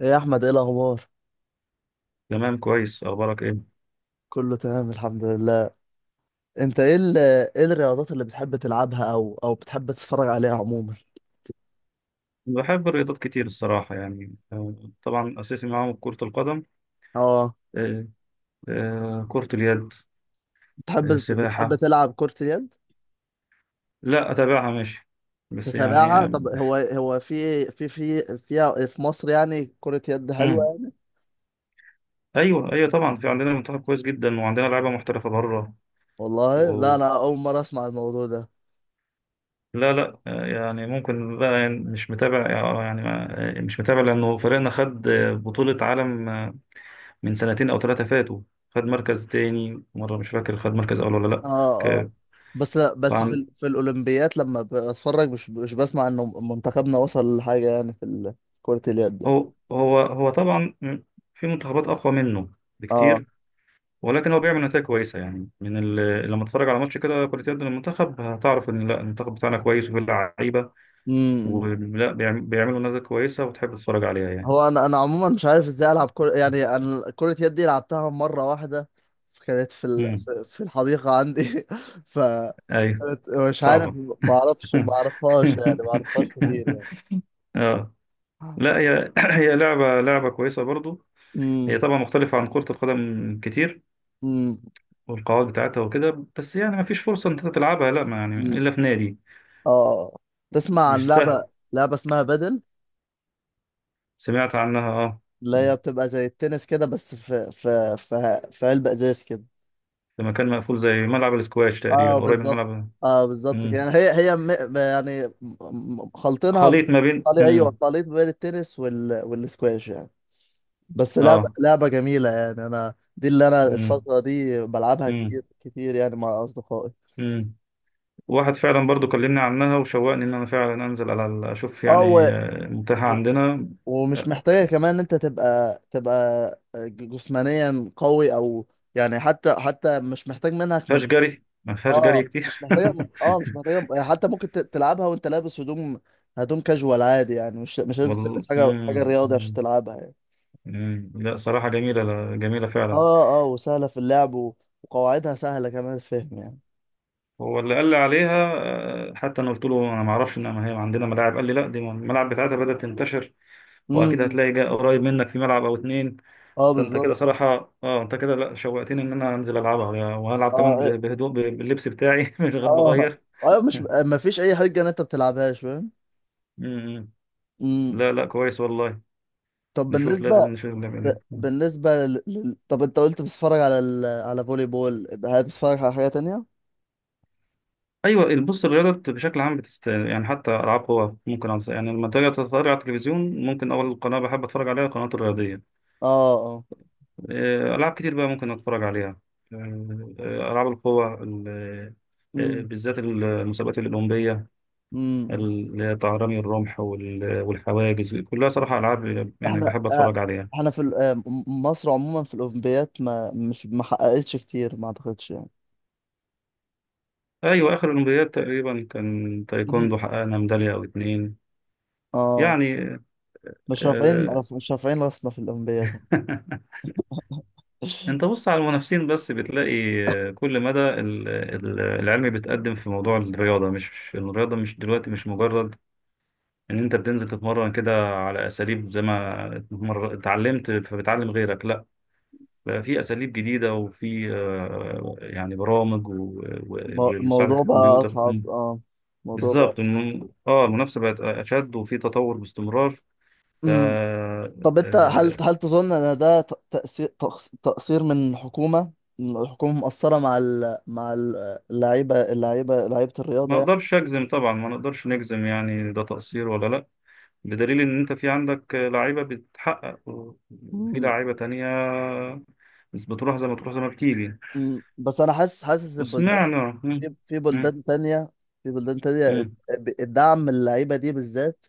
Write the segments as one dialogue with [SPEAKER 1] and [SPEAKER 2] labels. [SPEAKER 1] ايه يا احمد، ايه الاخبار؟
[SPEAKER 2] تمام، كويس. اخبارك ايه؟
[SPEAKER 1] كله تمام الحمد لله. انت ايه ايه الرياضات اللي بتحب تلعبها او بتحب تتفرج عليها عموما؟
[SPEAKER 2] بحب الرياضات كتير الصراحه يعني، طبعا اساسي معاهم كره القدم.
[SPEAKER 1] اه.
[SPEAKER 2] آه، كره اليد.
[SPEAKER 1] بتحب بتحب
[SPEAKER 2] سباحه.
[SPEAKER 1] تلعب كرة اليد؟
[SPEAKER 2] لا، اتابعها ماشي، بس يعني
[SPEAKER 1] تتابعها؟ طب هو في في في فيها في مصر يعني كرة يد حلوة
[SPEAKER 2] مم.
[SPEAKER 1] يعني؟
[SPEAKER 2] ايوه، ايوه، طبعا في عندنا منتخب كويس جدا وعندنا لعيبه محترفه بره.
[SPEAKER 1] والله لا،
[SPEAKER 2] و...
[SPEAKER 1] انا اول مرة اسمع الموضوع ده.
[SPEAKER 2] لا، لا، يعني ممكن بقى يعني مش متابع. يعني مش متابع لانه فريقنا خد بطوله عالم من سنتين او ثلاثه فاتوا. خد مركز تاني مره، مش فاكر خد مركز اول ولا لا.
[SPEAKER 1] اه اه.
[SPEAKER 2] ك-
[SPEAKER 1] بس لا، بس في
[SPEAKER 2] فعندنا
[SPEAKER 1] في الاولمبيات لما بتفرج مش بسمع انه منتخبنا وصل لحاجة يعني في في كرة اليد.
[SPEAKER 2] هو طبعا في منتخبات اقوى منه
[SPEAKER 1] اه.
[SPEAKER 2] بكتير. ولكن هو بيعمل نتائج كويسه يعني لما تتفرج على ماتش كده كرة يد للمنتخب هتعرف ان لا، المنتخب بتاعنا كويس وفيه لعيبه،
[SPEAKER 1] امم
[SPEAKER 2] ولا بيعملوا نتائج كويسه وتحب تتفرج عليها يعني.
[SPEAKER 1] هو انا عموما مش عارف ازاي العب كرة، يعني انا كرة يد دي لعبتها مرة واحدة. كانت في
[SPEAKER 2] امم
[SPEAKER 1] في الحديقة عندي. ف
[SPEAKER 2] ايوه،
[SPEAKER 1] مش عارف،
[SPEAKER 2] صعبه.
[SPEAKER 1] ما اعرفش، ما اعرفهاش كتير يعني.
[SPEAKER 2] اه. لا، هي هي لعبه لعبه كويسه برضو. هي
[SPEAKER 1] امم
[SPEAKER 2] طبعا مختلفه عن كره القدم كتير،
[SPEAKER 1] امم
[SPEAKER 2] والقواعد بتاعتها وكده، بس يعني ما فيش فرصه ان انت تلعبها، لا ما يعني
[SPEAKER 1] أمم.
[SPEAKER 2] الا في نادي.
[SPEAKER 1] اه آه. تسمع عن
[SPEAKER 2] مش.
[SPEAKER 1] لعبة اسمها بدل؟
[SPEAKER 2] سمعت عنها، اه،
[SPEAKER 1] اللي هي بتبقى زي التنس كده، بس في علبة ازاز كده.
[SPEAKER 2] في مكان مقفول زي ملعب الاسكواش
[SPEAKER 1] اه
[SPEAKER 2] تقريبا، قريب من
[SPEAKER 1] بالظبط.
[SPEAKER 2] ملعب.
[SPEAKER 1] اه بالظبط كده. يعني
[SPEAKER 2] مم.
[SPEAKER 1] هي م- يعني م- خلطينها
[SPEAKER 2] خليط ما بين
[SPEAKER 1] ايوه، خليط بين التنس والسكواش يعني. بس لعبة
[SPEAKER 2] اه.
[SPEAKER 1] لعبة جميلة، يعني انا دي اللي انا
[SPEAKER 2] مم.
[SPEAKER 1] الفترة دي بلعبها
[SPEAKER 2] مم.
[SPEAKER 1] كتير كتير يعني مع اصدقائي.
[SPEAKER 2] مم. واحد فعلا برضو كلمني عنها وشوقني ان انا فعلا انزل اشوف
[SPEAKER 1] اه
[SPEAKER 2] يعني متاحة
[SPEAKER 1] و...
[SPEAKER 2] عندنا.
[SPEAKER 1] ومش
[SPEAKER 2] آه،
[SPEAKER 1] محتاجة كمان ان انت تبقى جسمانيا قوي او يعني حتى مش محتاج منك.
[SPEAKER 2] فيهاش جري، ما فيهاش جري
[SPEAKER 1] اه مش
[SPEAKER 2] كتير.
[SPEAKER 1] محتاجه. اه مش محتاجه، حتى ممكن تلعبها وانت لابس هدوم كاجوال عادي، يعني مش لازم
[SPEAKER 2] والله.
[SPEAKER 1] تلبس حاجه
[SPEAKER 2] مم.
[SPEAKER 1] رياضي عشان
[SPEAKER 2] مم.
[SPEAKER 1] تلعبها يعني.
[SPEAKER 2] مم. لا صراحة جميلة، لا، جميلة فعلا.
[SPEAKER 1] اه اه، وسهله في اللعب وقواعدها سهله كمان الفهم يعني.
[SPEAKER 2] هو اللي قال لي عليها. حتى انا قلت له انا ما اعرفش ان هي عندنا ملاعب. قال لي لا، دي الملاعب بتاعتها بدأت تنتشر، واكيد
[SPEAKER 1] امم.
[SPEAKER 2] هتلاقي قريب منك في ملعب او اتنين.
[SPEAKER 1] اه
[SPEAKER 2] فانت كده
[SPEAKER 1] بالظبط.
[SPEAKER 2] صراحه، اه، انت كده، لا، شوقتني ان انا انزل العبها وهلعب كمان
[SPEAKER 1] اه إيه،
[SPEAKER 2] بهدوء باللبس بتاعي من غير ما
[SPEAKER 1] اه
[SPEAKER 2] اغير.
[SPEAKER 1] اه، مش ما فيش اي حاجه ان انت بتلعبهاش فاهم.
[SPEAKER 2] أمم.
[SPEAKER 1] امم.
[SPEAKER 2] لا، لا، كويس والله.
[SPEAKER 1] طب
[SPEAKER 2] نشوف،
[SPEAKER 1] بالنسبه
[SPEAKER 2] لازم نشوف نعمل
[SPEAKER 1] ب...
[SPEAKER 2] إيه.
[SPEAKER 1] بالنسبه لل... لل- طب انت قلت بتتفرج على على فولي بول، هل بتتفرج على حاجه تانية؟
[SPEAKER 2] ايوه، بص، الرياضه بشكل عام يعني حتى العاب قوى ممكن يعني لما تيجي تتفرج على التلفزيون ممكن اول قناه بحب اتفرج عليها القناه الرياضيه.
[SPEAKER 1] اه اه.
[SPEAKER 2] العاب كتير بقى ممكن اتفرج عليها. العاب القوى
[SPEAKER 1] امم
[SPEAKER 2] بالذات المسابقات الاولمبيه،
[SPEAKER 1] امم.
[SPEAKER 2] اللي هي طهراني الرمح والحواجز كلها، صراحة ألعاب يعني
[SPEAKER 1] احنا
[SPEAKER 2] بحب أتفرج عليها.
[SPEAKER 1] احنا في مصر عموما في الاولمبيات ما حققتش كتير ما اعتقدش يعني.
[SPEAKER 2] أيوة، آخر الأولمبياد تقريبا كان
[SPEAKER 1] إن-
[SPEAKER 2] تايكوندو، حققنا ميدالية أو اتنين
[SPEAKER 1] اه
[SPEAKER 2] يعني
[SPEAKER 1] مش رافعين
[SPEAKER 2] آه،
[SPEAKER 1] مش رافعين راسنا في الاولمبيات.
[SPEAKER 2] أنت بص على المنافسين بس بتلاقي كل مدى العلم بيتقدم في موضوع الرياضة، مش الرياضة مش دلوقتي، مش مجرد إن أنت بتنزل تتمرن كده على أساليب زي ما اتعلمت فبتعلم غيرك، لا، بقى في اساليب جديده وفي يعني برامج و- ومساعده
[SPEAKER 1] الموضوع بقى
[SPEAKER 2] الكمبيوتر
[SPEAKER 1] اصعب
[SPEAKER 2] مم.
[SPEAKER 1] اه. الموضوع بقى.
[SPEAKER 2] بالظبط اه، المنافسه بقت اشد وفي تطور باستمرار. ف
[SPEAKER 1] امم. طب انت هل
[SPEAKER 2] آه،
[SPEAKER 1] هل تظن ان ده تقصير تقصير من الحكومة، إن الحكومة مقصرة مع اللعيبة لعيبة
[SPEAKER 2] ما
[SPEAKER 1] الرياضة يعني.
[SPEAKER 2] اقدرش اجزم طبعا، ما نقدرش نجزم يعني ده تقصير ولا لا. بدليل ان انت في عندك لعيبه بتحقق وفي
[SPEAKER 1] مم.
[SPEAKER 2] لعيبه تانية بس بتروح زي ما تروح، زي ما بتيجي.
[SPEAKER 1] مم. بس انا حاسس البلدان،
[SPEAKER 2] وسمعنا. مم.
[SPEAKER 1] في
[SPEAKER 2] مم.
[SPEAKER 1] بلدان تانية، في بلدان تانية
[SPEAKER 2] مم.
[SPEAKER 1] الدعم اللعيبة دي بالذات،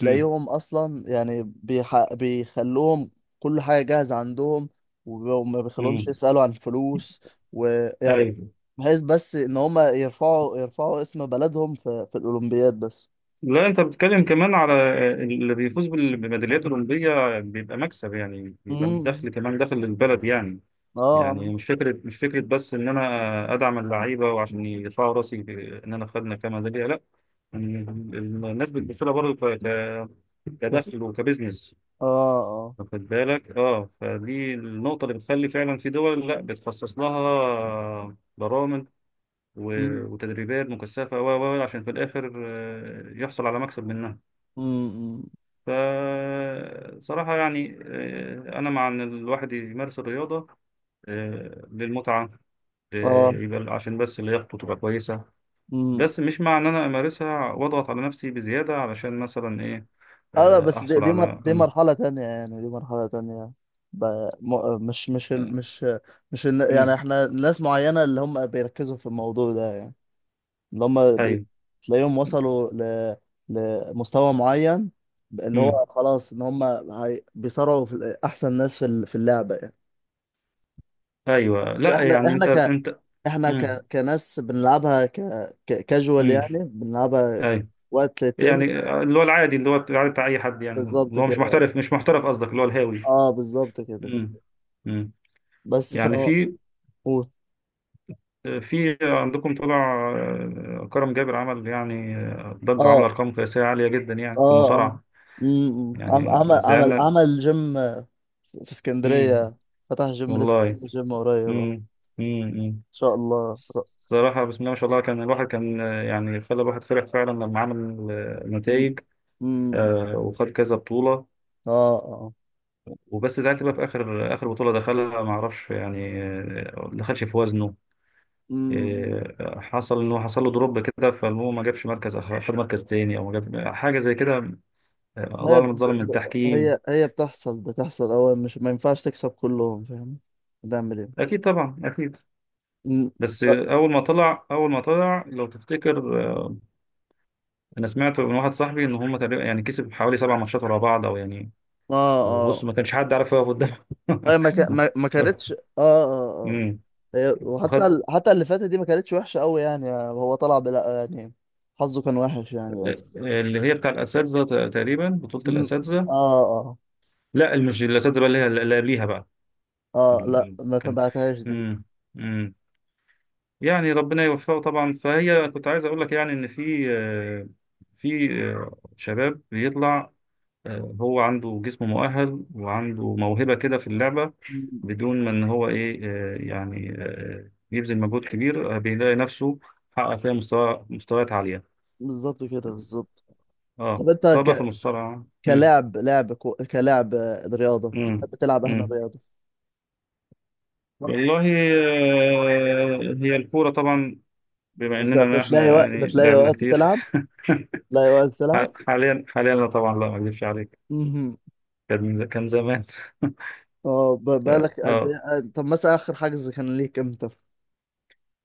[SPEAKER 2] مم.
[SPEAKER 1] أصلا يعني بيخلوهم كل حاجة جاهزة عندهم، وما بيخلوهمش
[SPEAKER 2] مم.
[SPEAKER 1] يسألوا عن فلوس ويعني،
[SPEAKER 2] ايوه،
[SPEAKER 1] بحيث بس إن هما يرفعوا اسم بلدهم في الأولمبياد بس.
[SPEAKER 2] لا، انت بتتكلم كمان على بميداليات اولمبيه بيبقى مكسب، يعني بيبقى
[SPEAKER 1] امم،
[SPEAKER 2] دخل كمان، دخل للبلد يعني.
[SPEAKER 1] اه
[SPEAKER 2] يعني مش فكره، مش فكره بس ان انا ادعم اللعيبه وعشان يرفعوا راسي ان انا خدنا كميداليه، لا، الناس بتبص لها برضه
[SPEAKER 1] اه
[SPEAKER 2] كدخل وكبزنس.
[SPEAKER 1] اه اه،
[SPEAKER 2] واخد بالك، اه، فدي النقطة اللي بتخلي فعلا في دول لا بتخصص لها برامج
[SPEAKER 1] امم
[SPEAKER 2] وتدريبات مكثفة عشان في الآخر يحصل على مكسب منها.
[SPEAKER 1] امم
[SPEAKER 2] فصراحة يعني أنا مع إن الواحد يمارس الرياضة للمتعة،
[SPEAKER 1] اه.
[SPEAKER 2] يبقى عشان بس لياقته تبقى كويسة.
[SPEAKER 1] مم.
[SPEAKER 2] بس مش مع إن أنا أمارسها وأضغط على نفسي بزيادة علشان مثلا إيه،
[SPEAKER 1] اه لا، بس
[SPEAKER 2] أحصل على
[SPEAKER 1] دي
[SPEAKER 2] مم.
[SPEAKER 1] مرحلة تانية يعني، دي مرحلة تانية. ب... مش مش يعني
[SPEAKER 2] مم.
[SPEAKER 1] احنا ناس معينة اللي هم بيركزوا في الموضوع ده يعني، اللي هم ب...
[SPEAKER 2] أيوه.
[SPEAKER 1] تلاقيهم وصلوا لمستوى معين، اللي
[SPEAKER 2] مم.
[SPEAKER 1] هو خلاص ان هم بيصارعوا في احسن ناس في في اللعبة يعني.
[SPEAKER 2] أيوه،
[SPEAKER 1] بس
[SPEAKER 2] لا،
[SPEAKER 1] احنا
[SPEAKER 2] يعني
[SPEAKER 1] احنا
[SPEAKER 2] أنت أنت مم.
[SPEAKER 1] كناس بنلعبها كاجوال
[SPEAKER 2] مم.
[SPEAKER 1] يعني، بنلعبها
[SPEAKER 2] أيوه،
[SPEAKER 1] وقت للتاني.
[SPEAKER 2] يعني اللي هو العادي، اللي هو العادي بتاع أي حد يعني.
[SPEAKER 1] بالظبط
[SPEAKER 2] اللي هو مش
[SPEAKER 1] كده.
[SPEAKER 2] محترف، مش محترف قصدك اللي هو الهاوي.
[SPEAKER 1] اه بالظبط كده
[SPEAKER 2] مم.
[SPEAKER 1] بالظبط.
[SPEAKER 2] مم.
[SPEAKER 1] بس ف
[SPEAKER 2] يعني في
[SPEAKER 1] قول.
[SPEAKER 2] في عندكم طلع كرم جابر، عمل يعني ضجة وعمل
[SPEAKER 1] اه
[SPEAKER 2] أرقام قياسية عالية جدا يعني في
[SPEAKER 1] اه اه.
[SPEAKER 2] المصارعة.
[SPEAKER 1] امم.
[SPEAKER 2] يعني
[SPEAKER 1] عمل عمل
[SPEAKER 2] زعلنا.
[SPEAKER 1] عمل جيم آه، في
[SPEAKER 2] مم.
[SPEAKER 1] اسكندرية، فتح جيم، لسه
[SPEAKER 2] والله.
[SPEAKER 1] فاتح جيم قريب. اه ان
[SPEAKER 2] مم. مم. مم.
[SPEAKER 1] شاء الله.
[SPEAKER 2] صراحة، بسم الله ما شاء الله، كان الواحد كان يعني خلى الواحد فرح فعلا لما عمل
[SPEAKER 1] م-
[SPEAKER 2] النتائج
[SPEAKER 1] م-
[SPEAKER 2] وخد كذا بطولة.
[SPEAKER 1] اه اه.
[SPEAKER 2] وبس زعلت بقى في آخر، آخر بطولة دخلها، ما أعرفش يعني ما دخلش في وزنه.
[SPEAKER 1] م-
[SPEAKER 2] حصل إنه حصل له دروب كده، فالمهم ما جابش مركز خد مركز تاني أو ما جاب حاجة زي كده، الله
[SPEAKER 1] هي ب...
[SPEAKER 2] اعلم اتظلم من
[SPEAKER 1] ب...
[SPEAKER 2] التحكيم.
[SPEAKER 1] هي بتحصل. هو مش، ما ينفعش تكسب كلهم فاهم، هتعمل ايه.
[SPEAKER 2] اكيد، طبعا اكيد.
[SPEAKER 1] م-
[SPEAKER 2] بس
[SPEAKER 1] اه
[SPEAKER 2] اول ما طلع، اول ما طلع لو تفتكر، انا سمعت من واحد صاحبي ان هم تقريبا يعني كسب حوالي 7 ماتشات ورا بعض او يعني، وبص،
[SPEAKER 1] اه.
[SPEAKER 2] ما كانش حد عارف يقف قدامه.
[SPEAKER 1] هي ما ك... ما... ما كانتش. اه اه اه.
[SPEAKER 2] أمم.
[SPEAKER 1] هي، وحتى
[SPEAKER 2] وخد
[SPEAKER 1] حتى اللي فاتت دي ما كانتش وحشة قوي يعني، هو طلع بلا يعني، حظه كان وحش يعني للأسف.
[SPEAKER 2] آه، اللي هي بتاع الاساتذه، تقريبا بطوله
[SPEAKER 1] مم.
[SPEAKER 2] الاساتذه.
[SPEAKER 1] اه اه
[SPEAKER 2] لا، مش الاساتذه بقى، اللي هي اللي قبليها بقى.
[SPEAKER 1] اه، لا
[SPEAKER 2] ال-
[SPEAKER 1] ما
[SPEAKER 2] كان في-
[SPEAKER 1] تبعتهاش دي.
[SPEAKER 2] امم. امم. يعني ربنا يوفقه طبعا. فهي كنت عايز اقول لك يعني ان في في شباب بيطلع، هو عنده جسم مؤهل وعنده موهبة كده في اللعبة،
[SPEAKER 1] مم.
[SPEAKER 2] بدون ما ان هو ايه، يعني يبذل مجهود كبير، بيلاقي نفسه حقق فيها مستوى مستويات عالية.
[SPEAKER 1] بالظبط كده بالظبط.
[SPEAKER 2] اه
[SPEAKER 1] طب انت
[SPEAKER 2] سواء بقى في المصارعة. مم.
[SPEAKER 1] كلاعب كلاعب آه، رياضة،
[SPEAKER 2] مم.
[SPEAKER 1] بتحب تلعب اهنا
[SPEAKER 2] مم.
[SPEAKER 1] رياضة؟
[SPEAKER 2] والله هي الكورة طبعا، بما اننا احنا يعني
[SPEAKER 1] بتلاقي
[SPEAKER 2] لعبنا
[SPEAKER 1] وقت
[SPEAKER 2] كتير.
[SPEAKER 1] تلعب؟ بتلاقي وقت تلعب؟
[SPEAKER 2] حاليا، حاليا لا، طبعا لا، ما اكذبش عليك.
[SPEAKER 1] مهم.
[SPEAKER 2] كان زمان.
[SPEAKER 1] اه
[SPEAKER 2] ف-
[SPEAKER 1] بالك قد ايه
[SPEAKER 2] اه،
[SPEAKER 1] آه، طب مثلا اخر حجز كان ليك امتى؟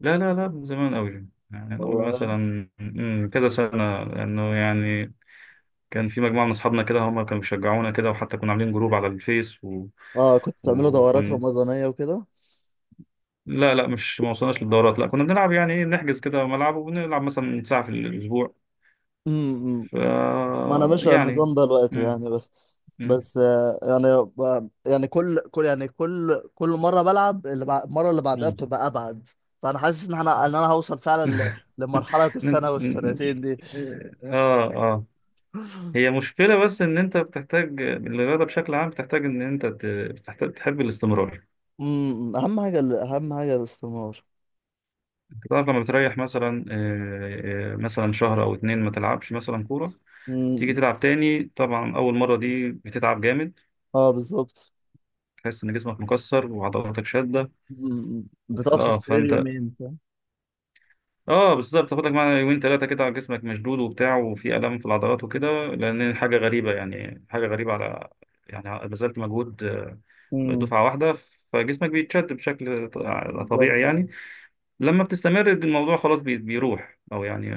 [SPEAKER 2] لا، لا، لا، من زمان قوي، يعني نقول
[SPEAKER 1] والله.
[SPEAKER 2] مثلا كذا سنة، لأنه يعني كان في مجموعة من أصحابنا كده هم كانوا بيشجعونا كده وحتى كنا عاملين جروب على الفيس
[SPEAKER 1] اه كنت بتعملوا دورات
[SPEAKER 2] وكن
[SPEAKER 1] رمضانية وكده؟
[SPEAKER 2] لا، لا، مش ما وصلناش للدورات، لا كنا بنلعب يعني إيه، نحجز كده ملعب وبنلعب مثلا ساعة في الأسبوع.
[SPEAKER 1] مم.
[SPEAKER 2] ف
[SPEAKER 1] ما انا ماشي على
[SPEAKER 2] يعني
[SPEAKER 1] النظام ده دلوقتي
[SPEAKER 2] مم،
[SPEAKER 1] يعني، بس
[SPEAKER 2] مم،
[SPEAKER 1] بس آه، يعني يعني كل يعني كل مره بلعب اللي المره اللي بعدها
[SPEAKER 2] مم.
[SPEAKER 1] بتبقى ابعد. فانا حاسس ان انا هوصل فعلا لمرحله
[SPEAKER 2] نن-
[SPEAKER 1] السنه
[SPEAKER 2] نن-
[SPEAKER 1] والسنتين دي.
[SPEAKER 2] اه، اه. هي مشكلة بس إن أنت بتحتاج الرياضة بشكل عام، بتحتاج إن أنت بتحتاج تحب الاستمرار.
[SPEAKER 1] امم، اهم حاجه اهم حاجه الاستثمار.
[SPEAKER 2] تعرف لما بتريح مثلا مثلا شهر او اتنين ما تلعبش مثلا كوره، تيجي
[SPEAKER 1] امم
[SPEAKER 2] تلعب تاني طبعا اول مره دي بتتعب جامد،
[SPEAKER 1] اه بالظبط.
[SPEAKER 2] تحس ان جسمك مكسر وعضلاتك شاده.
[SPEAKER 1] أمم، بتقعد في
[SPEAKER 2] اه
[SPEAKER 1] السرير
[SPEAKER 2] فانت،
[SPEAKER 1] يومين فاهم؟
[SPEAKER 2] اه، بالظبط، تاخد لك معانا يومين ثلاثه كده على جسمك مشدود وبتاع وفي الام في العضلات وكده، لان حاجه غريبه، يعني حاجه غريبه على، يعني بذلت مجهود
[SPEAKER 1] امم،
[SPEAKER 2] دفعه واحده، فجسمك بيتشد بشكل طبيعي
[SPEAKER 1] بالظبط آه.
[SPEAKER 2] يعني. لما بتستمر الموضوع خلاص بيروح، او يعني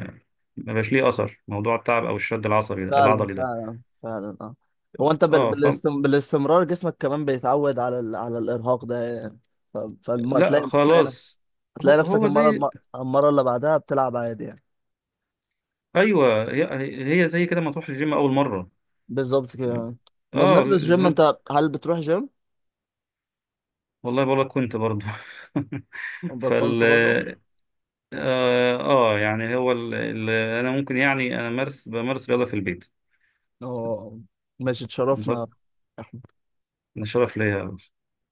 [SPEAKER 2] ما بقاش ليه اثر موضوع التعب او الشد العصبي ده،
[SPEAKER 1] فعلا
[SPEAKER 2] العضلي ده.
[SPEAKER 1] فعلا فعلا اه. هو انت
[SPEAKER 2] اه.
[SPEAKER 1] بالاستمرار جسمك كمان بيتعود على على الارهاق ده يعني.
[SPEAKER 2] لا
[SPEAKER 1] تلاقي
[SPEAKER 2] خلاص. هو
[SPEAKER 1] تلاقي نفسك
[SPEAKER 2] هو
[SPEAKER 1] المره
[SPEAKER 2] زي،
[SPEAKER 1] المره اللي بعدها بتلعب عادي يعني.
[SPEAKER 2] ايوه، هي زي كده ما تروح الجيم اول مره.
[SPEAKER 1] بالظبط كده.
[SPEAKER 2] اه،
[SPEAKER 1] بمناسبة الجيم،
[SPEAKER 2] زمان،
[SPEAKER 1] انت هل بتروح جيم؟
[SPEAKER 2] والله بقول لك كنت برضه.
[SPEAKER 1] بطلت
[SPEAKER 2] فال
[SPEAKER 1] برضه؟
[SPEAKER 2] اه يعني هو انا ممكن يعني انا بمارس رياضه في البيت،
[SPEAKER 1] اه، ماشي
[SPEAKER 2] عن
[SPEAKER 1] تشرفنا.
[SPEAKER 2] طريق، انا شرف ليا.